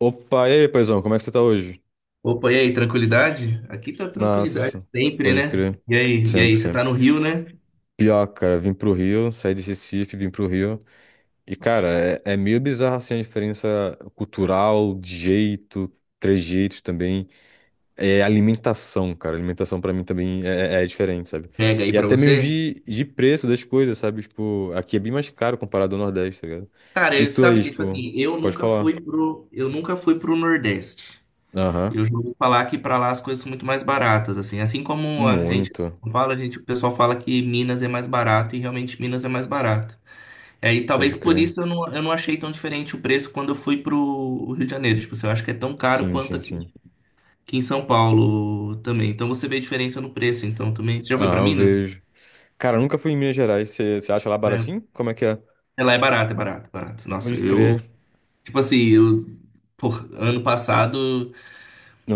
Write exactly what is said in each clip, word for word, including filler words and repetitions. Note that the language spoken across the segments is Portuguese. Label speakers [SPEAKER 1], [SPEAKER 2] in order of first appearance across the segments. [SPEAKER 1] Opa, e aí, paizão, como é que você tá hoje?
[SPEAKER 2] Opa, e aí, tranquilidade? Aqui tá tranquilidade
[SPEAKER 1] Massa,
[SPEAKER 2] sempre,
[SPEAKER 1] pode
[SPEAKER 2] né?
[SPEAKER 1] crer.
[SPEAKER 2] E aí, e
[SPEAKER 1] Sempre,
[SPEAKER 2] aí, você tá
[SPEAKER 1] sempre.
[SPEAKER 2] no Rio, né?
[SPEAKER 1] Pior, cara, vim pro Rio, saí de Recife, vim pro Rio. E, cara, é, é meio bizarro assim a diferença cultural, de jeito, trejeitos também. É alimentação, cara. Alimentação pra mim também é, é é diferente, sabe?
[SPEAKER 2] Pega aí
[SPEAKER 1] E
[SPEAKER 2] pra
[SPEAKER 1] até mesmo
[SPEAKER 2] você.
[SPEAKER 1] de, de preço das coisas, sabe? Tipo, aqui é bem mais caro comparado ao Nordeste, tá ligado?
[SPEAKER 2] Cara,
[SPEAKER 1] E
[SPEAKER 2] eu,
[SPEAKER 1] tu
[SPEAKER 2] sabe
[SPEAKER 1] aí,
[SPEAKER 2] que, tipo
[SPEAKER 1] tipo,
[SPEAKER 2] assim, eu
[SPEAKER 1] pode
[SPEAKER 2] nunca
[SPEAKER 1] falar.
[SPEAKER 2] fui pro, eu nunca fui pro Nordeste.
[SPEAKER 1] Aham,
[SPEAKER 2] Eu já ouvi falar que pra lá as coisas são muito mais baratas, assim. Assim como a gente em
[SPEAKER 1] muito.
[SPEAKER 2] São Paulo, a gente, o pessoal fala que Minas é mais barato e realmente Minas é mais barato. É, e aí,
[SPEAKER 1] Pode
[SPEAKER 2] talvez por
[SPEAKER 1] crer.
[SPEAKER 2] isso eu não, eu não achei tão diferente o preço quando eu fui pro Rio de Janeiro. Tipo assim, eu acho que é tão caro
[SPEAKER 1] Sim,
[SPEAKER 2] quanto
[SPEAKER 1] sim,
[SPEAKER 2] aqui
[SPEAKER 1] sim.
[SPEAKER 2] Aqui em São Paulo também. Então você vê a diferença no preço, então também. Você já foi pra
[SPEAKER 1] Ah, eu
[SPEAKER 2] Minas?
[SPEAKER 1] vejo. Cara, eu nunca fui em Minas Gerais. Você você acha lá
[SPEAKER 2] É.
[SPEAKER 1] baratinho? Como é que é?
[SPEAKER 2] É, lá é barato, é barato, é barato. Nossa,
[SPEAKER 1] Pode
[SPEAKER 2] eu,
[SPEAKER 1] crer.
[SPEAKER 2] tipo assim, eu, por, ano passado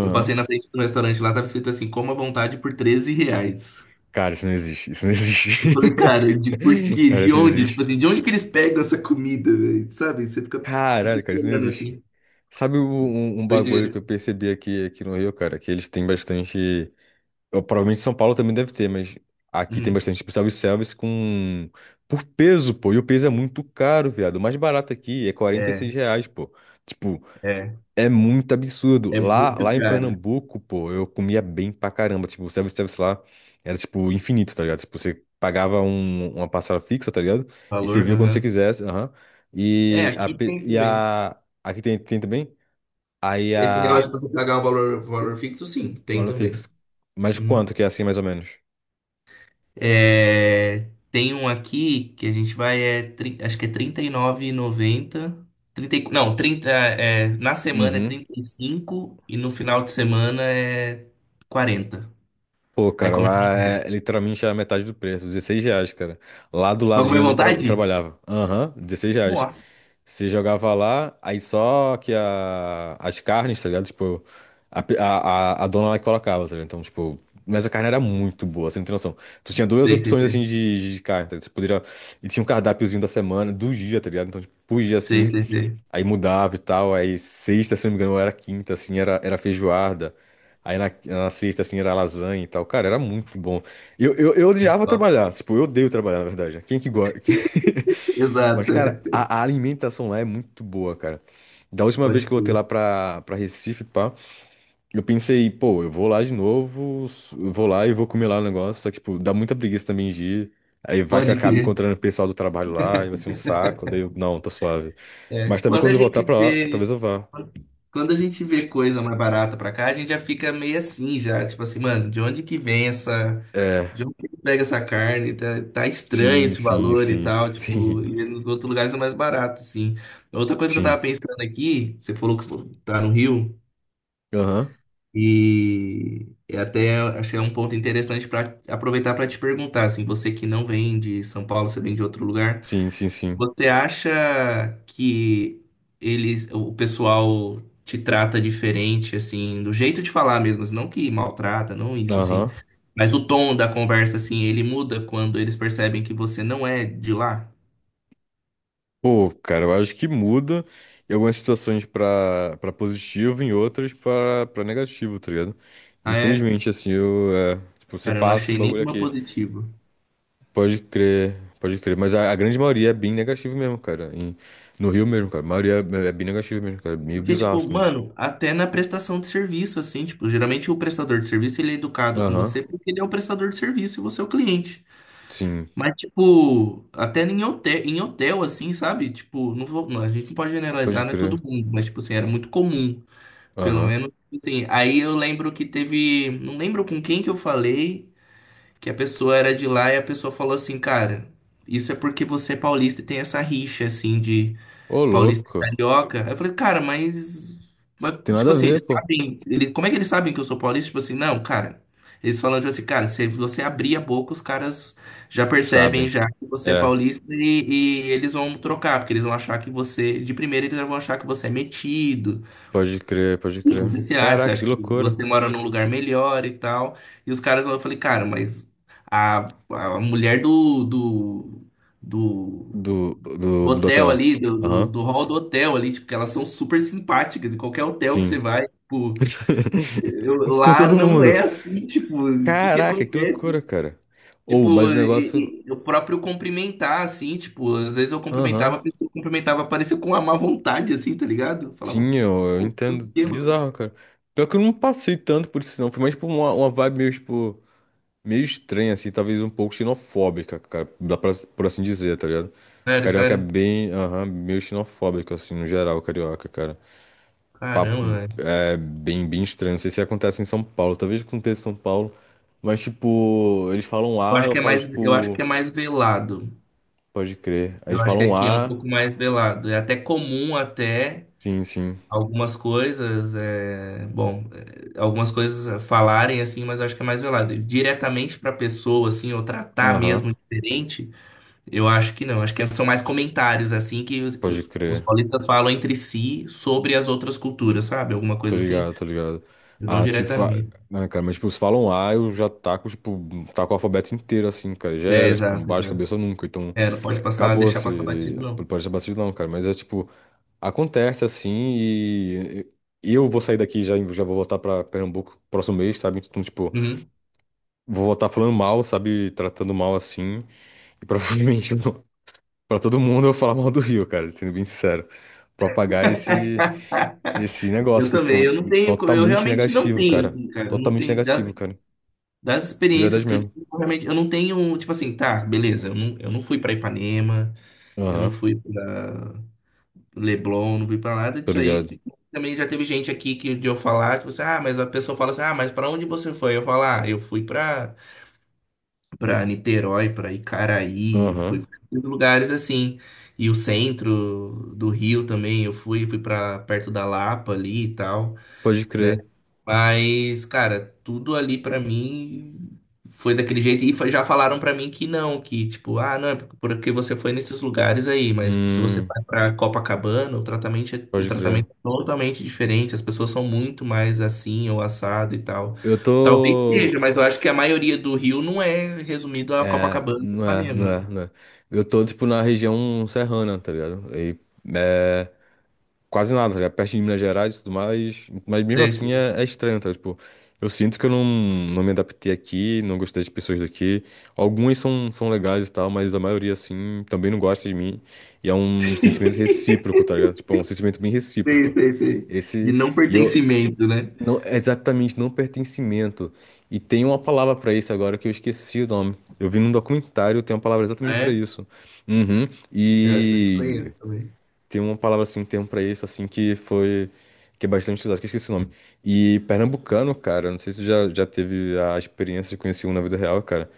[SPEAKER 2] eu passei na frente do restaurante lá, tava escrito assim, coma à vontade por treze reais.
[SPEAKER 1] Cara, isso não existe. Isso não existe.
[SPEAKER 2] Eu falei, cara, de por quê?
[SPEAKER 1] Cara,
[SPEAKER 2] De
[SPEAKER 1] isso não
[SPEAKER 2] onde? Tipo
[SPEAKER 1] existe.
[SPEAKER 2] assim, de onde que eles pegam essa comida, velho? Sabe? Você fica se
[SPEAKER 1] Caralho, cara, isso não
[SPEAKER 2] questionando
[SPEAKER 1] existe.
[SPEAKER 2] assim.
[SPEAKER 1] Sabe o- um, um bagulho
[SPEAKER 2] Doideira.
[SPEAKER 1] que eu percebi aqui, aqui no Rio, cara? Que eles têm bastante. Eu, provavelmente São Paulo também deve ter, mas aqui tem
[SPEAKER 2] Uhum.
[SPEAKER 1] bastante tipo, self-service com. Por peso, pô. E o peso é muito caro, viado. O mais barato aqui é quarenta e seis
[SPEAKER 2] É,
[SPEAKER 1] reais, pô. Tipo.
[SPEAKER 2] é.
[SPEAKER 1] É muito absurdo.
[SPEAKER 2] É
[SPEAKER 1] Lá,
[SPEAKER 2] muito
[SPEAKER 1] lá em
[SPEAKER 2] caro.
[SPEAKER 1] Pernambuco, pô, eu comia bem pra caramba. Tipo, o self-service lá era, tipo, infinito, tá ligado? Tipo, você pagava um- uma parcela fixa, tá ligado? E você
[SPEAKER 2] Valor?
[SPEAKER 1] via quando você
[SPEAKER 2] Aham.
[SPEAKER 1] quisesse, aham.
[SPEAKER 2] É,
[SPEAKER 1] E a,
[SPEAKER 2] aqui
[SPEAKER 1] pe-
[SPEAKER 2] tem
[SPEAKER 1] e
[SPEAKER 2] também.
[SPEAKER 1] a... Aqui tem, tem também? Aí
[SPEAKER 2] Esse negócio
[SPEAKER 1] a...
[SPEAKER 2] de você pagar um valor, valor fixo, sim, tem
[SPEAKER 1] Valor
[SPEAKER 2] também.
[SPEAKER 1] fixo. Mas
[SPEAKER 2] Uhum.
[SPEAKER 1] quanto que é assim, mais ou menos?
[SPEAKER 2] É, tem um aqui que a gente vai, é, tri- acho que é R trinta e nove reais e noventa centavos. trinta, e- nove e noventa trinta e- não, trinta é, na semana é
[SPEAKER 1] Uhum.
[SPEAKER 2] trinta e cinco e no final de semana é quarenta.
[SPEAKER 1] Pô,
[SPEAKER 2] Aí
[SPEAKER 1] cara,
[SPEAKER 2] come à
[SPEAKER 1] lá é
[SPEAKER 2] vontade.
[SPEAKER 1] literalmente a metade do preço, dezesseis reais, cara. Lá do
[SPEAKER 2] Vai comer
[SPEAKER 1] ladinho
[SPEAKER 2] à
[SPEAKER 1] onde eu, tra- eu
[SPEAKER 2] vontade?
[SPEAKER 1] trabalhava. Aham, dezesseis reais.
[SPEAKER 2] Nossa.
[SPEAKER 1] Você jogava lá, aí só que a, as carnes, tá ligado? Tipo, a, pe- a, a a dona lá que colocava, tá ligado? Então, tipo, mas a carne era muito boa, você não tem noção. Tu tinha duas
[SPEAKER 2] Sei, sei,
[SPEAKER 1] opções, assim,
[SPEAKER 2] sei.
[SPEAKER 1] de, de carne, tá ligado? Você poderia... E tinha um cardápiozinho da semana, do dia, tá ligado? Então, tipo, por dia,
[SPEAKER 2] Sei,
[SPEAKER 1] assim,
[SPEAKER 2] sei, sei.
[SPEAKER 1] aí mudava e tal. Aí sexta, se não me engano, ou era quinta, assim, era, era feijoada. Aí na, na sexta, assim, era lasanha e tal. Cara, era muito bom. Eu, eu, eu odiava trabalhar, tipo, eu odeio trabalhar, na verdade. Quem que gosta? Mas, cara,
[SPEAKER 2] Exato.
[SPEAKER 1] a, a alimentação lá é muito boa, cara. Da última vez
[SPEAKER 2] Pode
[SPEAKER 1] que eu voltei
[SPEAKER 2] crer.
[SPEAKER 1] lá pra, pra Recife, pá, eu pensei, pô, eu vou lá de novo, s- eu vou lá e vou comer lá o negócio. Só que, tipo, dá muita preguiça também de ir. Aí vai que eu
[SPEAKER 2] Pode
[SPEAKER 1] acabo
[SPEAKER 2] crer.
[SPEAKER 1] encontrando o pessoal do trabalho lá, e vai ser um saco. Daí eu, não, tá suave.
[SPEAKER 2] É,
[SPEAKER 1] Mas também
[SPEAKER 2] quando
[SPEAKER 1] quando
[SPEAKER 2] a
[SPEAKER 1] eu voltar
[SPEAKER 2] gente
[SPEAKER 1] pra lá,
[SPEAKER 2] vê.
[SPEAKER 1] talvez eu vá.
[SPEAKER 2] Quando a gente vê coisa mais barata pra cá, a gente já fica meio assim já, tipo assim, mano, de onde que vem essa,
[SPEAKER 1] É,
[SPEAKER 2] de onde que pega essa carne? Tá, tá estranho
[SPEAKER 1] sim,
[SPEAKER 2] esse
[SPEAKER 1] sim,
[SPEAKER 2] valor e
[SPEAKER 1] sim,
[SPEAKER 2] tal,
[SPEAKER 1] sim,
[SPEAKER 2] tipo, e nos outros lugares é mais barato, assim. Outra coisa que eu
[SPEAKER 1] sim.
[SPEAKER 2] tava pensando aqui, você falou que tá no Rio
[SPEAKER 1] Aham,
[SPEAKER 2] e eu até achei um ponto interessante pra aproveitar pra te perguntar, assim, você que não vem de São Paulo, você vem de outro lugar.
[SPEAKER 1] sim, sim, sim.
[SPEAKER 2] Você acha que eles, o pessoal te trata diferente, assim, do jeito de falar mesmo, assim, não que maltrata, não isso, assim,
[SPEAKER 1] Aham.
[SPEAKER 2] mas o tom da conversa, assim, ele muda quando eles percebem que você não é de lá?
[SPEAKER 1] Pô, cara, eu acho que muda em algumas situações pra, pra positivo, em outras pra, pra negativo, tá ligado?
[SPEAKER 2] Ah, é?
[SPEAKER 1] Infelizmente, assim, eu, é, tipo, você
[SPEAKER 2] Cara, eu não
[SPEAKER 1] passa esse
[SPEAKER 2] achei
[SPEAKER 1] bagulho
[SPEAKER 2] nenhuma
[SPEAKER 1] aqui.
[SPEAKER 2] positiva.
[SPEAKER 1] Pode crer, pode crer. Mas a, a grande maioria é bem negativo mesmo, cara. Em- no Rio mesmo, cara. A maioria é, é bem negativo mesmo, cara. Meio
[SPEAKER 2] Porque,
[SPEAKER 1] bizarro,
[SPEAKER 2] tipo,
[SPEAKER 1] assim.
[SPEAKER 2] mano, até na prestação de serviço, assim, tipo, geralmente o prestador de serviço, ele é educado com
[SPEAKER 1] Aham,
[SPEAKER 2] você porque ele é o prestador de serviço e você é o cliente.
[SPEAKER 1] sim.
[SPEAKER 2] Mas, tipo, até em hotel, em hotel, assim, sabe? Tipo, não vou- não, a gente não pode generalizar,
[SPEAKER 1] Pode
[SPEAKER 2] não é todo
[SPEAKER 1] crer.
[SPEAKER 2] mundo, mas, tipo assim, era muito comum, pelo
[SPEAKER 1] Aham.
[SPEAKER 2] menos, tipo assim. Aí eu lembro que teve, não lembro com quem que eu falei, que a pessoa era de lá e a pessoa falou assim, cara, isso é porque você é paulista e tem essa rixa, assim, de
[SPEAKER 1] Ô,
[SPEAKER 2] paulista e
[SPEAKER 1] louco.
[SPEAKER 2] carioca. Eu falei, cara, mas, mas,
[SPEAKER 1] Tem
[SPEAKER 2] tipo
[SPEAKER 1] nada a
[SPEAKER 2] assim,
[SPEAKER 1] ver,
[SPEAKER 2] eles
[SPEAKER 1] pô.
[SPEAKER 2] sabem, ele, como é que eles sabem que eu sou paulista? Tipo assim, não, cara. Eles falando, tipo assim, cara, se você abrir a boca, os caras já percebem
[SPEAKER 1] Sabem.
[SPEAKER 2] já que você é
[SPEAKER 1] É,
[SPEAKER 2] paulista e, e eles vão trocar, porque eles vão achar que você, de primeira, eles já vão achar que você é metido,
[SPEAKER 1] pode crer, pode
[SPEAKER 2] que
[SPEAKER 1] crer.
[SPEAKER 2] você se acha, você
[SPEAKER 1] Caraca, que
[SPEAKER 2] acha que
[SPEAKER 1] loucura.
[SPEAKER 2] você mora num lugar melhor e tal. E os caras vão, eu falei, cara, mas a, a mulher do, do, do
[SPEAKER 1] Do, do,
[SPEAKER 2] do
[SPEAKER 1] do
[SPEAKER 2] hotel
[SPEAKER 1] hotel.
[SPEAKER 2] ali, do, do,
[SPEAKER 1] Aham.
[SPEAKER 2] do hall do hotel ali, tipo, que elas são super simpáticas, em qualquer hotel que você
[SPEAKER 1] Sim.
[SPEAKER 2] vai, tipo,
[SPEAKER 1] Com
[SPEAKER 2] eu-
[SPEAKER 1] com
[SPEAKER 2] lá
[SPEAKER 1] todo
[SPEAKER 2] não
[SPEAKER 1] mundo.
[SPEAKER 2] é assim, tipo, o que que
[SPEAKER 1] Caraca, que
[SPEAKER 2] acontece?
[SPEAKER 1] loucura, cara. Ou, mas
[SPEAKER 2] Tipo,
[SPEAKER 1] o negócio.
[SPEAKER 2] e- e- o próprio cumprimentar, assim, tipo, às vezes eu cumprimentava, a
[SPEAKER 1] Aham.
[SPEAKER 2] pessoa cumprimentava, parecia com uma má vontade, assim, tá ligado? Eu falava,
[SPEAKER 1] Sim, eu, eu
[SPEAKER 2] pô, por
[SPEAKER 1] entendo.
[SPEAKER 2] quê, mano?
[SPEAKER 1] Bizarro, cara. Pior que eu não passei tanto por isso, não. Foi mais por uma, uma vibe meio, tipo, meio estranha, assim, talvez um pouco xenofóbica, cara. Dá pra, por assim dizer, tá ligado?
[SPEAKER 2] Sério,
[SPEAKER 1] Carioca é
[SPEAKER 2] sério.
[SPEAKER 1] bem, aham, meio xenofóbico, assim, no geral, carioca, cara. Papo
[SPEAKER 2] Caramba, velho.
[SPEAKER 1] é bem, bem estranho. Não sei se acontece em São Paulo. Talvez aconteça em São Paulo. Mas, tipo, eles falam
[SPEAKER 2] Eu
[SPEAKER 1] A,
[SPEAKER 2] acho
[SPEAKER 1] eu
[SPEAKER 2] que é
[SPEAKER 1] falo,
[SPEAKER 2] mais, eu acho
[SPEAKER 1] tipo.
[SPEAKER 2] que é mais velado.
[SPEAKER 1] Pode crer. Aí eles
[SPEAKER 2] Eu acho que
[SPEAKER 1] falam um
[SPEAKER 2] aqui é um
[SPEAKER 1] A.
[SPEAKER 2] pouco mais velado. É até comum até.
[SPEAKER 1] Sim, sim.
[SPEAKER 2] Algumas coisas, é, bom, é, algumas coisas falarem assim, mas eu acho que é mais velado. E diretamente para pessoa assim, ou tratar
[SPEAKER 1] Aham.
[SPEAKER 2] mesmo diferente, eu acho que não. Acho que são mais comentários assim que os,
[SPEAKER 1] Pode
[SPEAKER 2] os, os
[SPEAKER 1] crer.
[SPEAKER 2] paulistas falam entre si sobre as outras culturas, sabe? Alguma
[SPEAKER 1] Tô
[SPEAKER 2] coisa assim,
[SPEAKER 1] ligado, tô ligado.
[SPEAKER 2] mas não
[SPEAKER 1] Ah, se fa...
[SPEAKER 2] diretamente.
[SPEAKER 1] Ah, cara, mas, tipo, se falam A, eu já taco, tipo, taco o alfabeto inteiro, assim, cara. Já
[SPEAKER 2] É,
[SPEAKER 1] era, tipo, não
[SPEAKER 2] exato,
[SPEAKER 1] bate
[SPEAKER 2] exato.
[SPEAKER 1] cabeça nunca. Então,
[SPEAKER 2] É, não pode passar,
[SPEAKER 1] acabou,
[SPEAKER 2] deixar passar
[SPEAKER 1] se...
[SPEAKER 2] batido, não.
[SPEAKER 1] Pode ser batido não, cara. Mas é, tipo, acontece, assim, e... E eu vou sair daqui já, já vou voltar pra Pernambuco próximo mês, sabe? Então, tipo,
[SPEAKER 2] Uhum.
[SPEAKER 1] vou voltar falando mal, sabe? Tratando mal assim. E provavelmente pra todo mundo eu falar mal do Rio, cara, sendo bem sincero. Propagar esse, esse negócio,
[SPEAKER 2] Eu
[SPEAKER 1] que,
[SPEAKER 2] também,
[SPEAKER 1] tipo,
[SPEAKER 2] eu não tenho, eu
[SPEAKER 1] totalmente
[SPEAKER 2] realmente não
[SPEAKER 1] negativo,
[SPEAKER 2] tenho,
[SPEAKER 1] cara.
[SPEAKER 2] assim, cara, eu não
[SPEAKER 1] Totalmente
[SPEAKER 2] tenho.
[SPEAKER 1] negativo, cara.
[SPEAKER 2] Das
[SPEAKER 1] De
[SPEAKER 2] experiências
[SPEAKER 1] verdade
[SPEAKER 2] que eu tive,
[SPEAKER 1] mesmo.
[SPEAKER 2] eu realmente, eu não tenho, tipo assim, tá, beleza, eu não, eu não fui pra Ipanema, eu não
[SPEAKER 1] Aham,
[SPEAKER 2] fui pra Leblon, não fui pra nada
[SPEAKER 1] tô
[SPEAKER 2] disso
[SPEAKER 1] ligado.
[SPEAKER 2] aí. Também já teve gente aqui que de eu falar, tipo assim, ah, mas a pessoa fala assim, ah, mas pra onde você foi? Eu falo, ah, eu fui pra, pra Niterói, pra Icaraí, eu fui
[SPEAKER 1] Aham,
[SPEAKER 2] pra esses lugares assim. E o centro do Rio também, eu fui, fui pra perto da Lapa ali e tal,
[SPEAKER 1] pode
[SPEAKER 2] né?
[SPEAKER 1] crer.
[SPEAKER 2] Mas, cara, tudo ali pra mim foi daquele jeito. E fa- já falaram pra mim que não, que tipo, ah, não, é por- porque você foi nesses lugares aí, mas se você
[SPEAKER 1] Hum,
[SPEAKER 2] vai pra Copacabana, o tratamento é, o
[SPEAKER 1] pode crer.
[SPEAKER 2] tratamento é totalmente diferente. As pessoas são muito mais assim ou assado e tal.
[SPEAKER 1] Eu
[SPEAKER 2] Talvez seja,
[SPEAKER 1] tô.
[SPEAKER 2] mas eu acho que a maioria do Rio não é resumido a
[SPEAKER 1] É,
[SPEAKER 2] Copacabana e
[SPEAKER 1] não é, não é,
[SPEAKER 2] Ipanema.
[SPEAKER 1] não é. Eu tô, tipo, na região serrana, tá ligado? E, é, quase nada, tá ligado? Perto de Minas Gerais e tudo mais. Mas mesmo
[SPEAKER 2] Sei,
[SPEAKER 1] assim
[SPEAKER 2] sei,
[SPEAKER 1] é, é estranho, tá? Tipo, eu sinto que eu não, não me adaptei aqui, não gostei das pessoas daqui. Algumas são, são legais e tal, mas a maioria, assim, também não gosta de mim. E é um sentimento recíproco, tá ligado? Tipo, é um sentimento bem
[SPEAKER 2] sei,
[SPEAKER 1] recíproco.
[SPEAKER 2] sei. Sei. De
[SPEAKER 1] Esse.
[SPEAKER 2] não
[SPEAKER 1] E eu.
[SPEAKER 2] pertencimento, né?
[SPEAKER 1] Não, é exatamente, não pertencimento. E tem uma palavra pra isso agora que eu esqueci o nome. Eu vi num documentário, tem uma palavra
[SPEAKER 2] Ah,
[SPEAKER 1] exatamente pra
[SPEAKER 2] é,
[SPEAKER 1] isso. Uhum.
[SPEAKER 2] eu acho que eu
[SPEAKER 1] E.
[SPEAKER 2] desconheço também.
[SPEAKER 1] Tem uma palavra assim, um termo pra isso, assim, que foi. Que é bastante utilizado, que eu esqueci o nome. E pernambucano, cara, não sei se tu já, já teve a experiência de conhecer um na vida real, cara,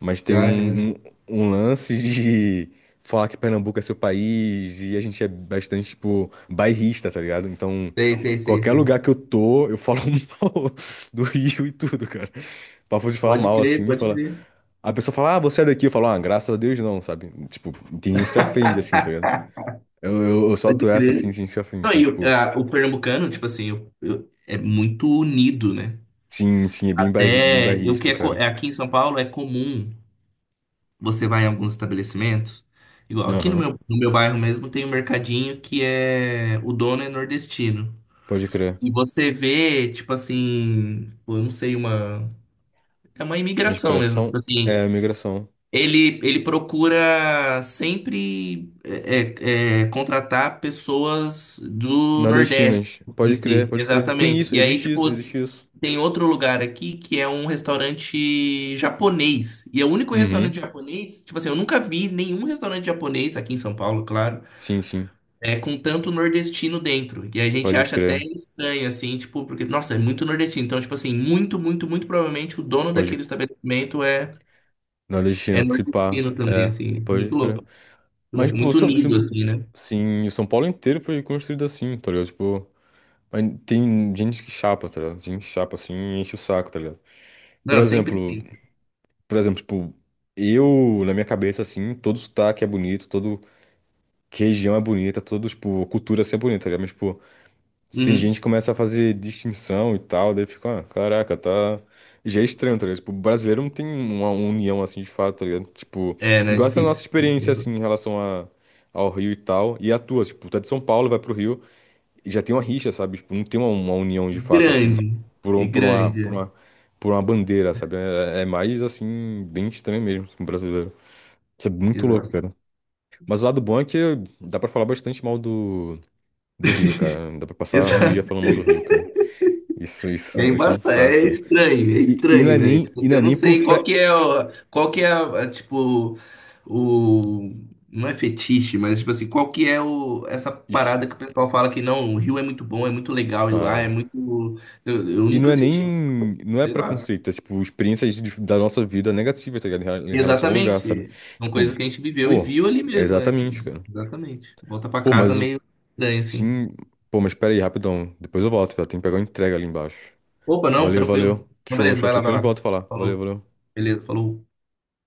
[SPEAKER 1] mas tem
[SPEAKER 2] Já, já,
[SPEAKER 1] um, um,
[SPEAKER 2] já.
[SPEAKER 1] um lance de falar que Pernambuco é seu país e a gente é bastante, tipo, bairrista, tá ligado? Então,
[SPEAKER 2] Sei, sei, sei,
[SPEAKER 1] qualquer
[SPEAKER 2] sei.
[SPEAKER 1] lugar que eu tô, eu falo mal do Rio e tudo, cara. Papo de falar
[SPEAKER 2] Pode
[SPEAKER 1] mal,
[SPEAKER 2] crer,
[SPEAKER 1] assim,
[SPEAKER 2] pode
[SPEAKER 1] fala.
[SPEAKER 2] crer.
[SPEAKER 1] A pessoa fala, ah, você é daqui, eu falo, ah, graças a Deus não, sabe? Tipo, tem gente que se ofende, assim, tá ligado? Eu, eu, eu
[SPEAKER 2] Pode
[SPEAKER 1] solto essa assim,
[SPEAKER 2] crer.
[SPEAKER 1] sim, sim, afim.
[SPEAKER 2] Não,
[SPEAKER 1] Então,
[SPEAKER 2] e o,
[SPEAKER 1] tipo,
[SPEAKER 2] a- o pernambucano, tipo assim, eu- eu- é muito unido, né?
[SPEAKER 1] sim, sim, é bem, bairri, bem
[SPEAKER 2] Até o que
[SPEAKER 1] bairrista,
[SPEAKER 2] é, co-
[SPEAKER 1] cara.
[SPEAKER 2] é aqui em São Paulo é comum. Você vai em alguns estabelecimentos, igual aqui no
[SPEAKER 1] Aham,
[SPEAKER 2] meu, no meu bairro mesmo tem um mercadinho que é o dono é nordestino.
[SPEAKER 1] pode crer.
[SPEAKER 2] E você vê, tipo assim, pô, eu não sei, uma é uma imigração mesmo, tipo
[SPEAKER 1] Expressão
[SPEAKER 2] assim.
[SPEAKER 1] é migração.
[SPEAKER 2] Ele, ele procura sempre é, é, é, contratar pessoas do Nordeste
[SPEAKER 1] Nordestinas,
[SPEAKER 2] em
[SPEAKER 1] pode crer,
[SPEAKER 2] si,
[SPEAKER 1] pode crer. Tem
[SPEAKER 2] exatamente.
[SPEAKER 1] isso,
[SPEAKER 2] E aí,
[SPEAKER 1] existe
[SPEAKER 2] tipo,
[SPEAKER 1] isso, existe isso.
[SPEAKER 2] tem outro lugar aqui que é um restaurante japonês. E é o único restaurante
[SPEAKER 1] Uhum,
[SPEAKER 2] japonês, tipo assim, eu nunca vi nenhum restaurante japonês aqui em São Paulo, claro,
[SPEAKER 1] sim, sim,
[SPEAKER 2] é, com tanto nordestino dentro. E a gente
[SPEAKER 1] pode
[SPEAKER 2] acha até
[SPEAKER 1] crer,
[SPEAKER 2] estranho, assim, tipo, porque, nossa, é muito nordestino. Então, tipo assim, muito, muito, muito provavelmente o dono
[SPEAKER 1] pode.
[SPEAKER 2] daquele estabelecimento é. É
[SPEAKER 1] Nordestino, se pá,
[SPEAKER 2] nordestino também,
[SPEAKER 1] é,
[SPEAKER 2] assim.
[SPEAKER 1] pode
[SPEAKER 2] Muito
[SPEAKER 1] crer.
[SPEAKER 2] louco. Muito
[SPEAKER 1] Mas,
[SPEAKER 2] louco.
[SPEAKER 1] pô,
[SPEAKER 2] Muito
[SPEAKER 1] São,
[SPEAKER 2] unido,
[SPEAKER 1] se-
[SPEAKER 2] assim, né?
[SPEAKER 1] sim, o São Paulo inteiro foi construído assim, tá ligado? Tipo, mas tem gente que chapa, tá ligado? Gente que chapa assim e enche o saco, tá ligado? Por
[SPEAKER 2] Não, sempre
[SPEAKER 1] exemplo.
[SPEAKER 2] tem.
[SPEAKER 1] Por exemplo, tipo, eu, na minha cabeça, assim, todo sotaque é bonito, todo que região é bonita, todo, tipo, cultura assim é bonita, tá ligado? Mas, tipo, se tem gente
[SPEAKER 2] Uhum.
[SPEAKER 1] que começa a fazer distinção e tal, daí fica, ah, caraca, tá. Já é estranho, tá ligado? Tipo, o brasileiro não tem uma união assim de fato, tá ligado? Tipo,
[SPEAKER 2] É, né? É
[SPEAKER 1] igual essa nossa
[SPEAKER 2] difícil.
[SPEAKER 1] experiência, assim, em relação a, ao Rio e tal, e a tua, tipo, tu é de São Paulo, vai pro Rio já tem uma rixa, sabe? Tipo, não tem uma, uma união de fato, assim,
[SPEAKER 2] Grande.
[SPEAKER 1] por, um-
[SPEAKER 2] E
[SPEAKER 1] por uma,
[SPEAKER 2] grande.
[SPEAKER 1] por
[SPEAKER 2] É.
[SPEAKER 1] uma, por uma bandeira, sabe? É, é mais, assim, bem estranho mesmo, assim, brasileiro. Isso é muito louco,
[SPEAKER 2] Exato.
[SPEAKER 1] cara. Mas o lado bom é que dá pra falar bastante mal do, do Rio, cara. Dá pra passar um dia
[SPEAKER 2] Exato.
[SPEAKER 1] falando mal do Rio, cara. Isso, isso,
[SPEAKER 2] É,
[SPEAKER 1] isso é
[SPEAKER 2] emba-
[SPEAKER 1] um fato,
[SPEAKER 2] é
[SPEAKER 1] sabe?
[SPEAKER 2] estranho, é
[SPEAKER 1] E, e não é
[SPEAKER 2] estranho, velho.
[SPEAKER 1] nem,
[SPEAKER 2] Tipo,
[SPEAKER 1] e
[SPEAKER 2] assim,
[SPEAKER 1] não
[SPEAKER 2] eu
[SPEAKER 1] é
[SPEAKER 2] não
[SPEAKER 1] nem por
[SPEAKER 2] sei qual
[SPEAKER 1] pré...
[SPEAKER 2] que é, o- qual que é, a- tipo. o... Não é fetiche, mas, tipo assim, qual que é o, essa parada que o
[SPEAKER 1] Ixi,
[SPEAKER 2] pessoal fala que não, o Rio é muito bom, é muito legal ir lá,
[SPEAKER 1] ah.
[SPEAKER 2] é muito... Eu, eu
[SPEAKER 1] E não
[SPEAKER 2] nunca
[SPEAKER 1] é
[SPEAKER 2] senti, isso,
[SPEAKER 1] nem, não é
[SPEAKER 2] sei lá.
[SPEAKER 1] preconceito, é tipo, experiências de- da nossa vida negativas, tá ligado? Em rela- em relação ao lugar, sabe?
[SPEAKER 2] Exatamente. São coisas
[SPEAKER 1] Tipo,
[SPEAKER 2] que a gente viveu e
[SPEAKER 1] pô,
[SPEAKER 2] viu ali
[SPEAKER 1] é
[SPEAKER 2] mesmo, é que
[SPEAKER 1] exatamente, cara.
[SPEAKER 2] exatamente. Volta pra
[SPEAKER 1] Pô,
[SPEAKER 2] casa
[SPEAKER 1] mas o-
[SPEAKER 2] meio estranho assim.
[SPEAKER 1] sim. Pô, mas espera aí, rapidão. Depois eu volto, velho. Tem que pegar uma entrega ali embaixo.
[SPEAKER 2] Opa, não,
[SPEAKER 1] Valeu,
[SPEAKER 2] tranquilo.
[SPEAKER 1] valeu.
[SPEAKER 2] Não,
[SPEAKER 1] Show,
[SPEAKER 2] beleza,
[SPEAKER 1] show,
[SPEAKER 2] vai
[SPEAKER 1] show.
[SPEAKER 2] lá, vai
[SPEAKER 1] Depois a gente
[SPEAKER 2] lá.
[SPEAKER 1] volta a falar. Valeu,
[SPEAKER 2] Falou.
[SPEAKER 1] valeu.
[SPEAKER 2] Beleza, falou.